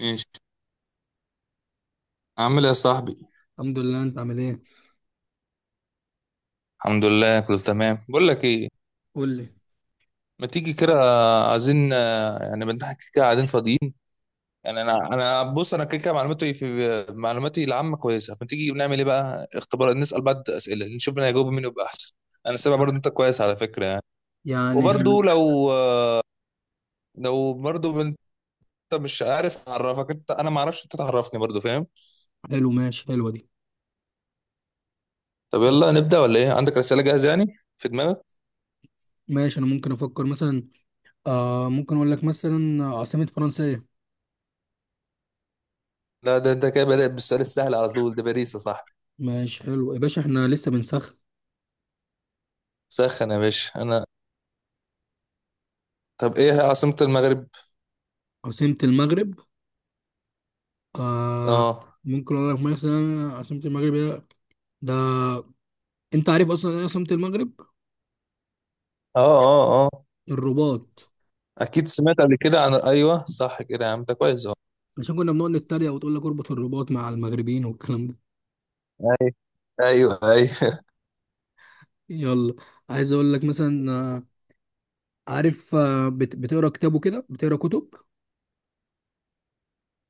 ماشي. عامل ايه يا صاحبي؟ الحمد لله، انت عامل ايه؟ الحمد لله، كله تمام. بقول لك ايه. قول لي. ما تيجي كده؟ عايزين، يعني بنضحك كده قاعدين فاضيين. يعني انا بص، انا كده كده معلوماتي في معلوماتي العامه كويسه، فما تيجي بنعمل ايه بقى اختبار، نسال بعض اسئله نشوف مين هيجاوب، مين يبقى احسن. انا سامع برضه انت كويس على فكره يعني. يعني وبرضه لو برضه انت... مش عارف اعرفك، انت انا ما اعرفش انت تعرفني برضه، فاهم. حلو، ماشي، حلوه دي. طب يلا نبدا ولا ايه؟ عندك رساله جاهزه يعني في دماغك؟ ماشي، انا ممكن افكر مثلا. ممكن اقول لك مثلا عاصمة فرنسا ايه؟ لا، ده انت كده بدأت بالسؤال السهل على طول، ده باريس يا صاحبي. ماشي، حلو يا باشا، احنا لسه بنسخن. سخن يا باشا، انا... طب ايه هي عاصمة المغرب؟ عاصمة المغرب. آه. اه. ممكن اقول لك مثلا عاصمة المغرب ايه؟ ده انت عارف اصلا ايه عاصمة المغرب؟ اه. اه. اه، الرباط. اكيد سمعت قبل كده عن... ايوه صح كده يا عم، ده كويس اهو. عشان كنا بنقعد نتريق وتقول لك اربط الرباط مع المغربيين والكلام ده. ايوه. ايوه، ايوه. يلا. عايز اقول لك مثلا، عارف، بتقرا كتاب وكده، بتقرا كتب.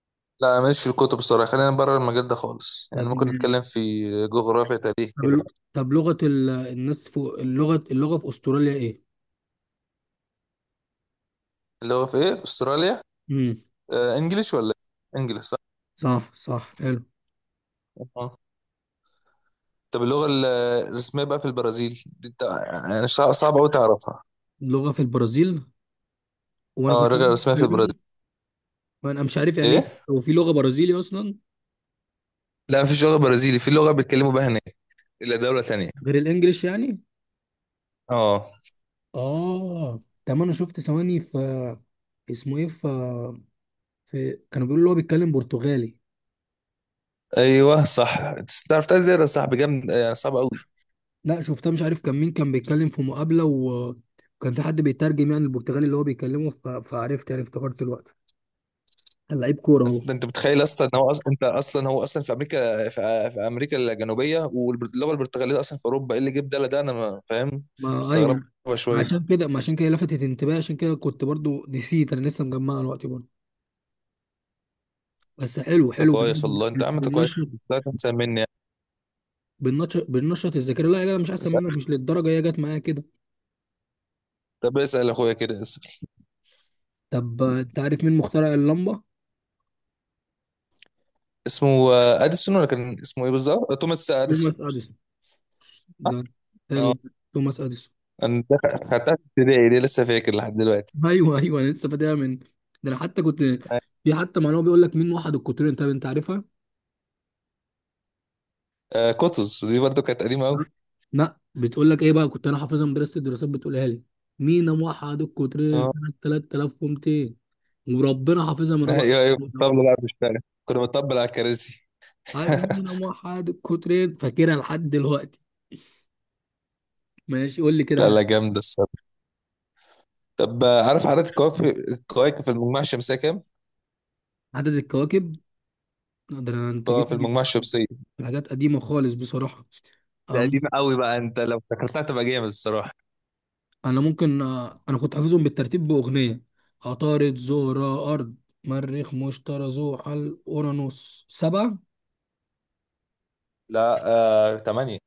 لا، ماليش في الكتب الصراحه، خلينا بره المجال ده خالص. يعني طب. ممكن نتكلم في جغرافيا، تاريخ طب كده. ال- الناس فوق اللغة في أستراليا إيه؟ اللغه في ايه في استراليا؟ امم آه، انجليش ولا إيه؟ انجليش صح. صح، صح، حلو. آه. طب اللغه الرسميه بقى في البرازيل دي، انت يعني صعب قوي تعرفها. اللغة في البرازيل. وأنا اه، كنت اللغه الرسميه في البرازيل وأنا مش عارف يعني ايه؟ إيه، هو في لغة برازيلي أصلا؟ لا، مفيش لغه برازيلي، في لغه بيتكلموا بها هناك الا دوله تانية. غير الإنجليش يعني؟ اه. آه. طب أنا شفت ثواني في، اسمه إيه، في، في كانوا بيقولوا اللي هو بيتكلم برتغالي. ايوه صح. تعرف تعرف زياده يا صاحبي، جامد، يعني صعب قوي. لا شفتها، مش عارف كان مين، كان بيتكلم في مقابلة وكان في حد بيترجم يعني البرتغالي اللي هو بيكلمه، فعرفت يعني، افتكرت الوقت كان لعيب كورة أصل هو. انت متخيل اصلا ان هو اصلا، انت اصلا هو اصلا في امريكا، في امريكا الجنوبيه، واللغه البرتغاليه اصلا في اوروبا، ايه اللي جاب ده؟ انا فاهم. ما ايوه مستغربه ما- شويه. عشان كده، لفتت انتباهي، عشان كده كنت برضو نسيت، انا لسه مجمعها دلوقتي برضو. بس حلو، انت حلو. كويس والله، انت يا عم انت كويس. بننشط، لا تنسى مني يعني. بننشط الذاكره. لا لا، مش احسن اسال، منك، مش للدرجه، هي جت معايا كده. طب اسال اخويا كده، اسال. طب، انت عارف مين مخترع اللمبه؟ اسمه اديسون، ولا كان اسمه ايه بالظبط؟ توماس اديسون. توماس اديسون. ده حلو، توماس اديسون. انا ده خدتها في ابتدائي، دي لسه فاكر لحد دلوقتي. ايوه ايوه، انا لسه فاكرها من ده. انا حتى كنت، في حتى معلومه بيقول لك مين وحد القطرين، طب انت عارفها؟ آه، كتز دي برضو كانت قديمه قوي. لا بتقول لك ايه بقى، كنت انا حافظها، مدرسه الدراسات بتقولها لي، مين موحد القطرين اه. سنه 3200. وربنا حافظها من رابعه. ايوه، ايوه لو الطبله بقى بتشتغل. كنا بنطبل على الكراسي. هيؤمنون موحد الكترين فاكرها لحد دلوقتي. ماشي، قول لي كده لا عدد. لا، جامدة الصراحة. طب، عارف عدد الكواكب في المجموعة الشمسية كام؟ عدد الكواكب. ده انا، انت جيت في لي المجموعة الشمسية. في حاجات قديمه خالص بصراحه. ده أم- قديم قوي بقى، انت لو فكرتها تبقى جامد الصراحة. انا ممكن آه، انا كنت حافظهم بالترتيب باغنيه. عطارد، زهره، ارض، مريخ، مشتري، زحل، اورانوس، سبعه، لا. تمانية.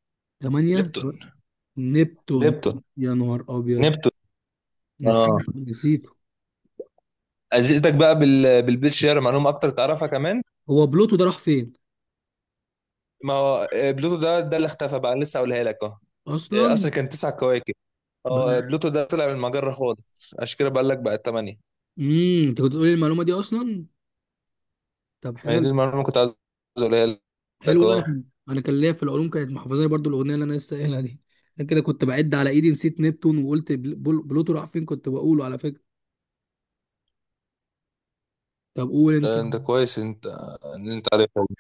ثمانيه، ليبتون نبتون. ليبتون. يا نهار ابيض، نبتون. اه. نسيت. ازيدك بقى بالبيت شير معلومة اكتر تعرفها كمان. هو بلوتو ده راح فين ما هو بلوتو ده اللي اختفى بقى، أنا لسه هقولها لك اهو. اصل اصلا؟ كان تسع كواكب. اه، بلوتو ده طلع من المجرة خالص، عشان كده بقول لك بقى تمانية. انت كنت بتقولي المعلومه دي اصلا. طب ما هي حلو. دي المعلومة اللي كنت عايز اقولها حلو، لك. انا اه، كان انا كان ليا في العلوم، كانت محافظاني برضو الاغنيه اللي انا لسه قايلها دي. انا كده كنت بعد على ايدي، نسيت نبتون وقلت بلوتو راح فين، كنت بقوله على فكره. طب قول انت ده انت كويس انت، ان انت عارف والله.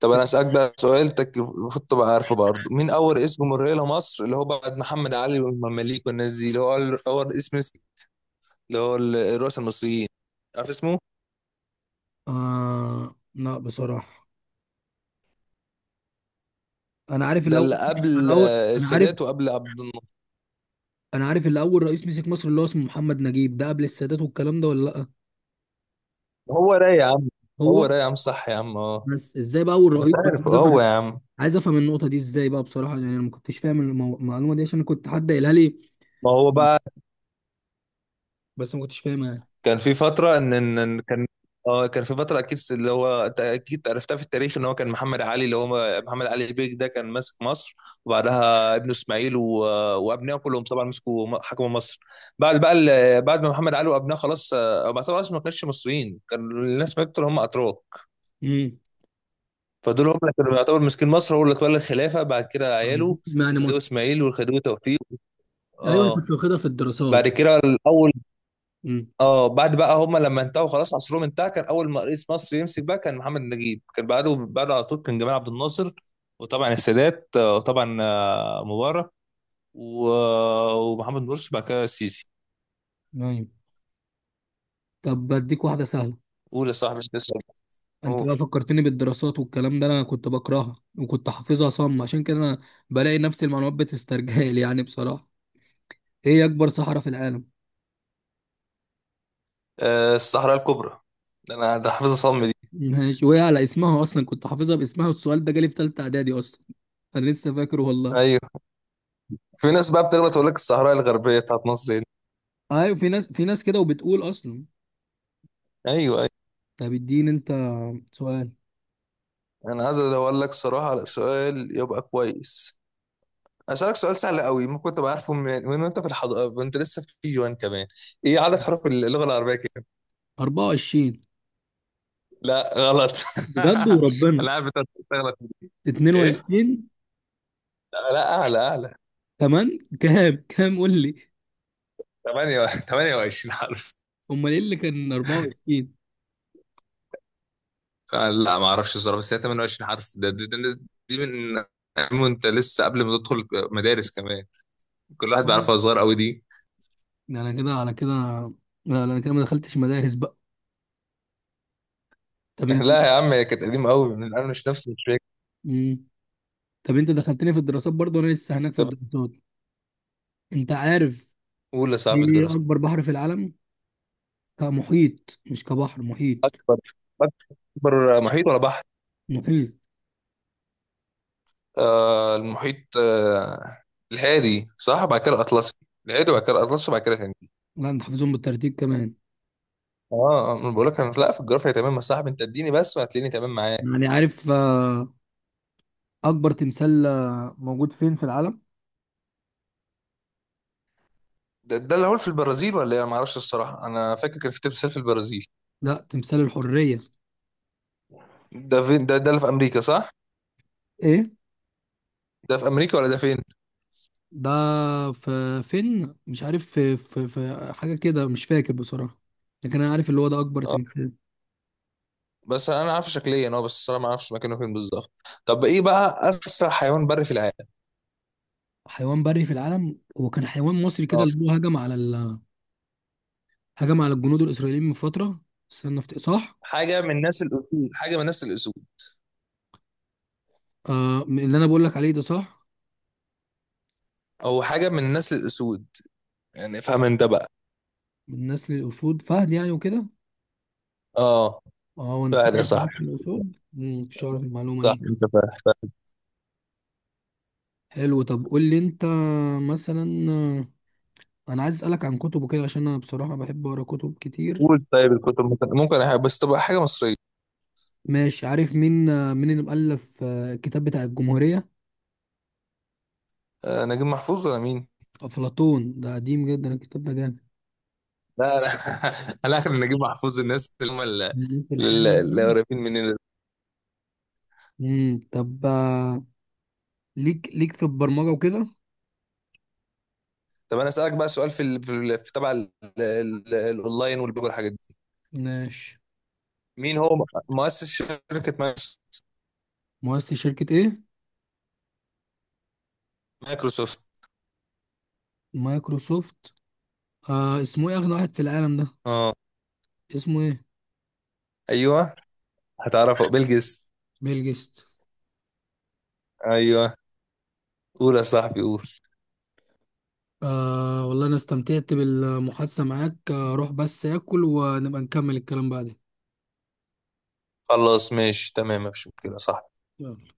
طب انا كده. اسالك بقى سؤال المفروض تبقى عارفه برضه، مين اول اسم مريه لمصر، اللي هو بعد محمد علي والمماليك والناس دي، اللي هو اول أول اسم مصري، اللي هو الرؤساء المصريين، عارف اسمه؟ آه لا بصراحه، انا عارف ده اللي الاول. قبل انا عارف، السادات وقبل عبد الناصر. انا عارف اللي اول رئيس مسك مصر اللي هو اسمه محمد نجيب، ده قبل السادات والكلام ده، ولا لا؟ هو راي يا عم، هو هو. راي يا عم، صح يا عم، اه. بس ازاي بقى اول طب رئيس، انت بقى عارف عايز هو يا افهم. عم؟ عايز افهم النقطه دي ازاي بقى بصراحه، يعني انا ما كنتش فاهم المعلومه دي، عشان كنت حد قايلها لي، ما هو بقى، بس ما كنتش فاهمها يعني. كان في فترة، إن كان... اه كان في فترة أكيد اللي هو أنت أكيد عرفتها في التاريخ، إن هو كان محمد علي، اللي هو محمد علي بيك ده كان ماسك مصر، وبعدها ابنه إسماعيل و... وأبنائه كلهم طبعا مسكوا، حكموا مصر. بعد بقى بعد ما محمد علي وأبنائه خلاص، بعد طبعا ما كانش مصريين، كان الناس ماتوا اللي هم أتراك. امم فدول هم اللي كانوا يعتبر ماسكين مصر، هو اللي اتولى الخلافة بعد كده عياله، يعني، الخديوي إسماعيل والخديوي توفيق. ايوه، انا اه. كنت واخدها في الدراسات. بعد كده الأول. امم. اه، بعد بقى هم لما انتهوا خلاص عصرهم انتهى، كان اول ما رئيس مصر يمسك بقى كان محمد نجيب، كان بعده بعد على طول كان جمال عبد الناصر، وطبعا السادات، وطبعا مبارك، ومحمد مرسي، بعد كده السيسي. نايم. طب بديك واحدة سهلة. قول يا صاحبي، انت اسال. انت قول. بقى فكرتني بالدراسات والكلام ده، انا كنت بكرهها وكنت حافظها صم، عشان كده انا بلاقي نفس المعلومات بتسترجل يعني بصراحة. ايه اكبر صحراء في العالم؟ الصحراء الكبرى، ده انا ده حافظ صم دي. ماشي، وهي على اسمها اصلا، كنت حافظها باسمها، والسؤال ده جالي في تالتة اعدادي اصلا، انا لسه فاكره والله. ايوه في ناس بقى بتغلط تقول لك الصحراء الغربيه بتاعت مصر هنا. ايوه، في ناس كده وبتقول اصلا. ايوه، ايوه. طب اديني انت سؤال. انا عايز ادور لك صراحه على سؤال يبقى كويس. أسألك سؤال سهل قوي، ممكن تبقى عارفه من وأنت في الحضانة، وأنت لسه في كي جي 1 كمان. إيه عدد حروف اللغة العربية كده؟ 24. لا غلط. بجد وربنا. أنا عارف أنت بتغلط. ايه. 22. لا لا، أعلى، أعلى. كمان كام، كام قول لي. 8 28 حرف. امال ايه اللي كان 24؟ لا ما اعرفش الصراحه، بس هي 28 حرف. ده دي من وانت لسه قبل ما تدخل مدارس كمان، كل واحد آه، بيعرفها، صغير قوي دي. ده انا كده على كده. لا لا، انا كده ما دخلتش مدارس بقى. طب انت. لا يا عم هي كانت قديمة قوي، من أنا مش نفسي مش فاكر. مم. طب انت دخلتني في الدراسات برضه، وانا لسه هناك في طب الدراسات. انت عارف قول يا صاحب ايه الدراسة. اكبر بحر في العالم؟ كمحيط مش كبحر، محيط. بر- محيط ولا بحر؟ محيط. آه، المحيط. آه، الهادي صح، بعد كده الاطلسي. الهادي بعد كده الاطلسي بعد كده هندي. لا انت حافظهم بالترتيب كمان. اه، انا بقول لك، انا لا في الجغرافيا تمام يا صاحبي، انت اديني بس وهتلاقيني تمام معاك. يعني عارف، اكبر تمثال موجود فين في العالم؟ ده اللي هو في البرازيل ولا ايه؟ انا ما اعرفش الصراحه، انا فاكر كان في تمثال في البرازيل. لا، تمثال الحرية. ده فين ده اللي في امريكا صح. ايه، ده في امريكا ولا ده فين؟ ده في فين؟ مش عارف في, حاجة كده، مش فاكر بصراحة، لكن أنا عارف اللي هو ده أكبر اه، تمثال. بس انا عارف شكليا، اه بس الصراحه ما اعرفش مكانه فين بالظبط. طب ايه بقى اسرع حيوان بري في العالم؟ حيوان بري في العالم، هو كان حيوان مصري كده اه، اللي هو هجم على هجم على الجنود الإسرائيليين من فترة. استنى افتكر. صح، حاجه من نسل الاسود، حاجه من نسل الاسود، آه اللي أنا بقول لك عليه ده، صح. او حاجه من نسل الاسود، يعني افهم انت بقى. من نسل الأسود، فهد يعني وكده. اه. اه. هو انت فهد فعلا يا من نسل صاحبي، الأسود، مش عارف المعلومة صح، دي. انت فاهم فاهم. حلو، طب قول لي أنت. مثلا، أنا عايز أسألك عن كتب وكده، عشان أنا بصراحة بحب أقرأ كتب كتير. قول. طيب الكتب ممكن، ممكن أحب، بس تبقى حاجه مصريه. ماشي، عارف مين، اللي مؤلف الكتاب بتاع الجمهورية؟ آه، نجيب محفوظ ولا مين؟ أفلاطون، ده قديم جدا الكتاب ده، جامد. لا لا، على اخر نجيب محفوظ، الناس اللي هم ليك في الحلو. اللي قريبين مننا. طب، ليك في البرمجة وكده. طب انا اسالك بقى سؤال في في تبع ال- الاونلاين والبيج والحاجات دي. ماشي. مين هو مؤسس شركه مؤسس شركة ايه؟ مايكروسوفت؟ مايكروسوفت. آه اسمه ايه، اغنى واحد في العالم ده، اه. اسمه ايه؟ ايوه هتعرفه، بيل جيتس. بيل جيتس. ايوه. قول يا صاحبي، قول. آه والله انا استمتعت بالمحادثة معاك، روح بس اكل، ونبقى نكمل الكلام بعدين. خلاص ماشي، تمام، مفيش مشكله. صح. يلا.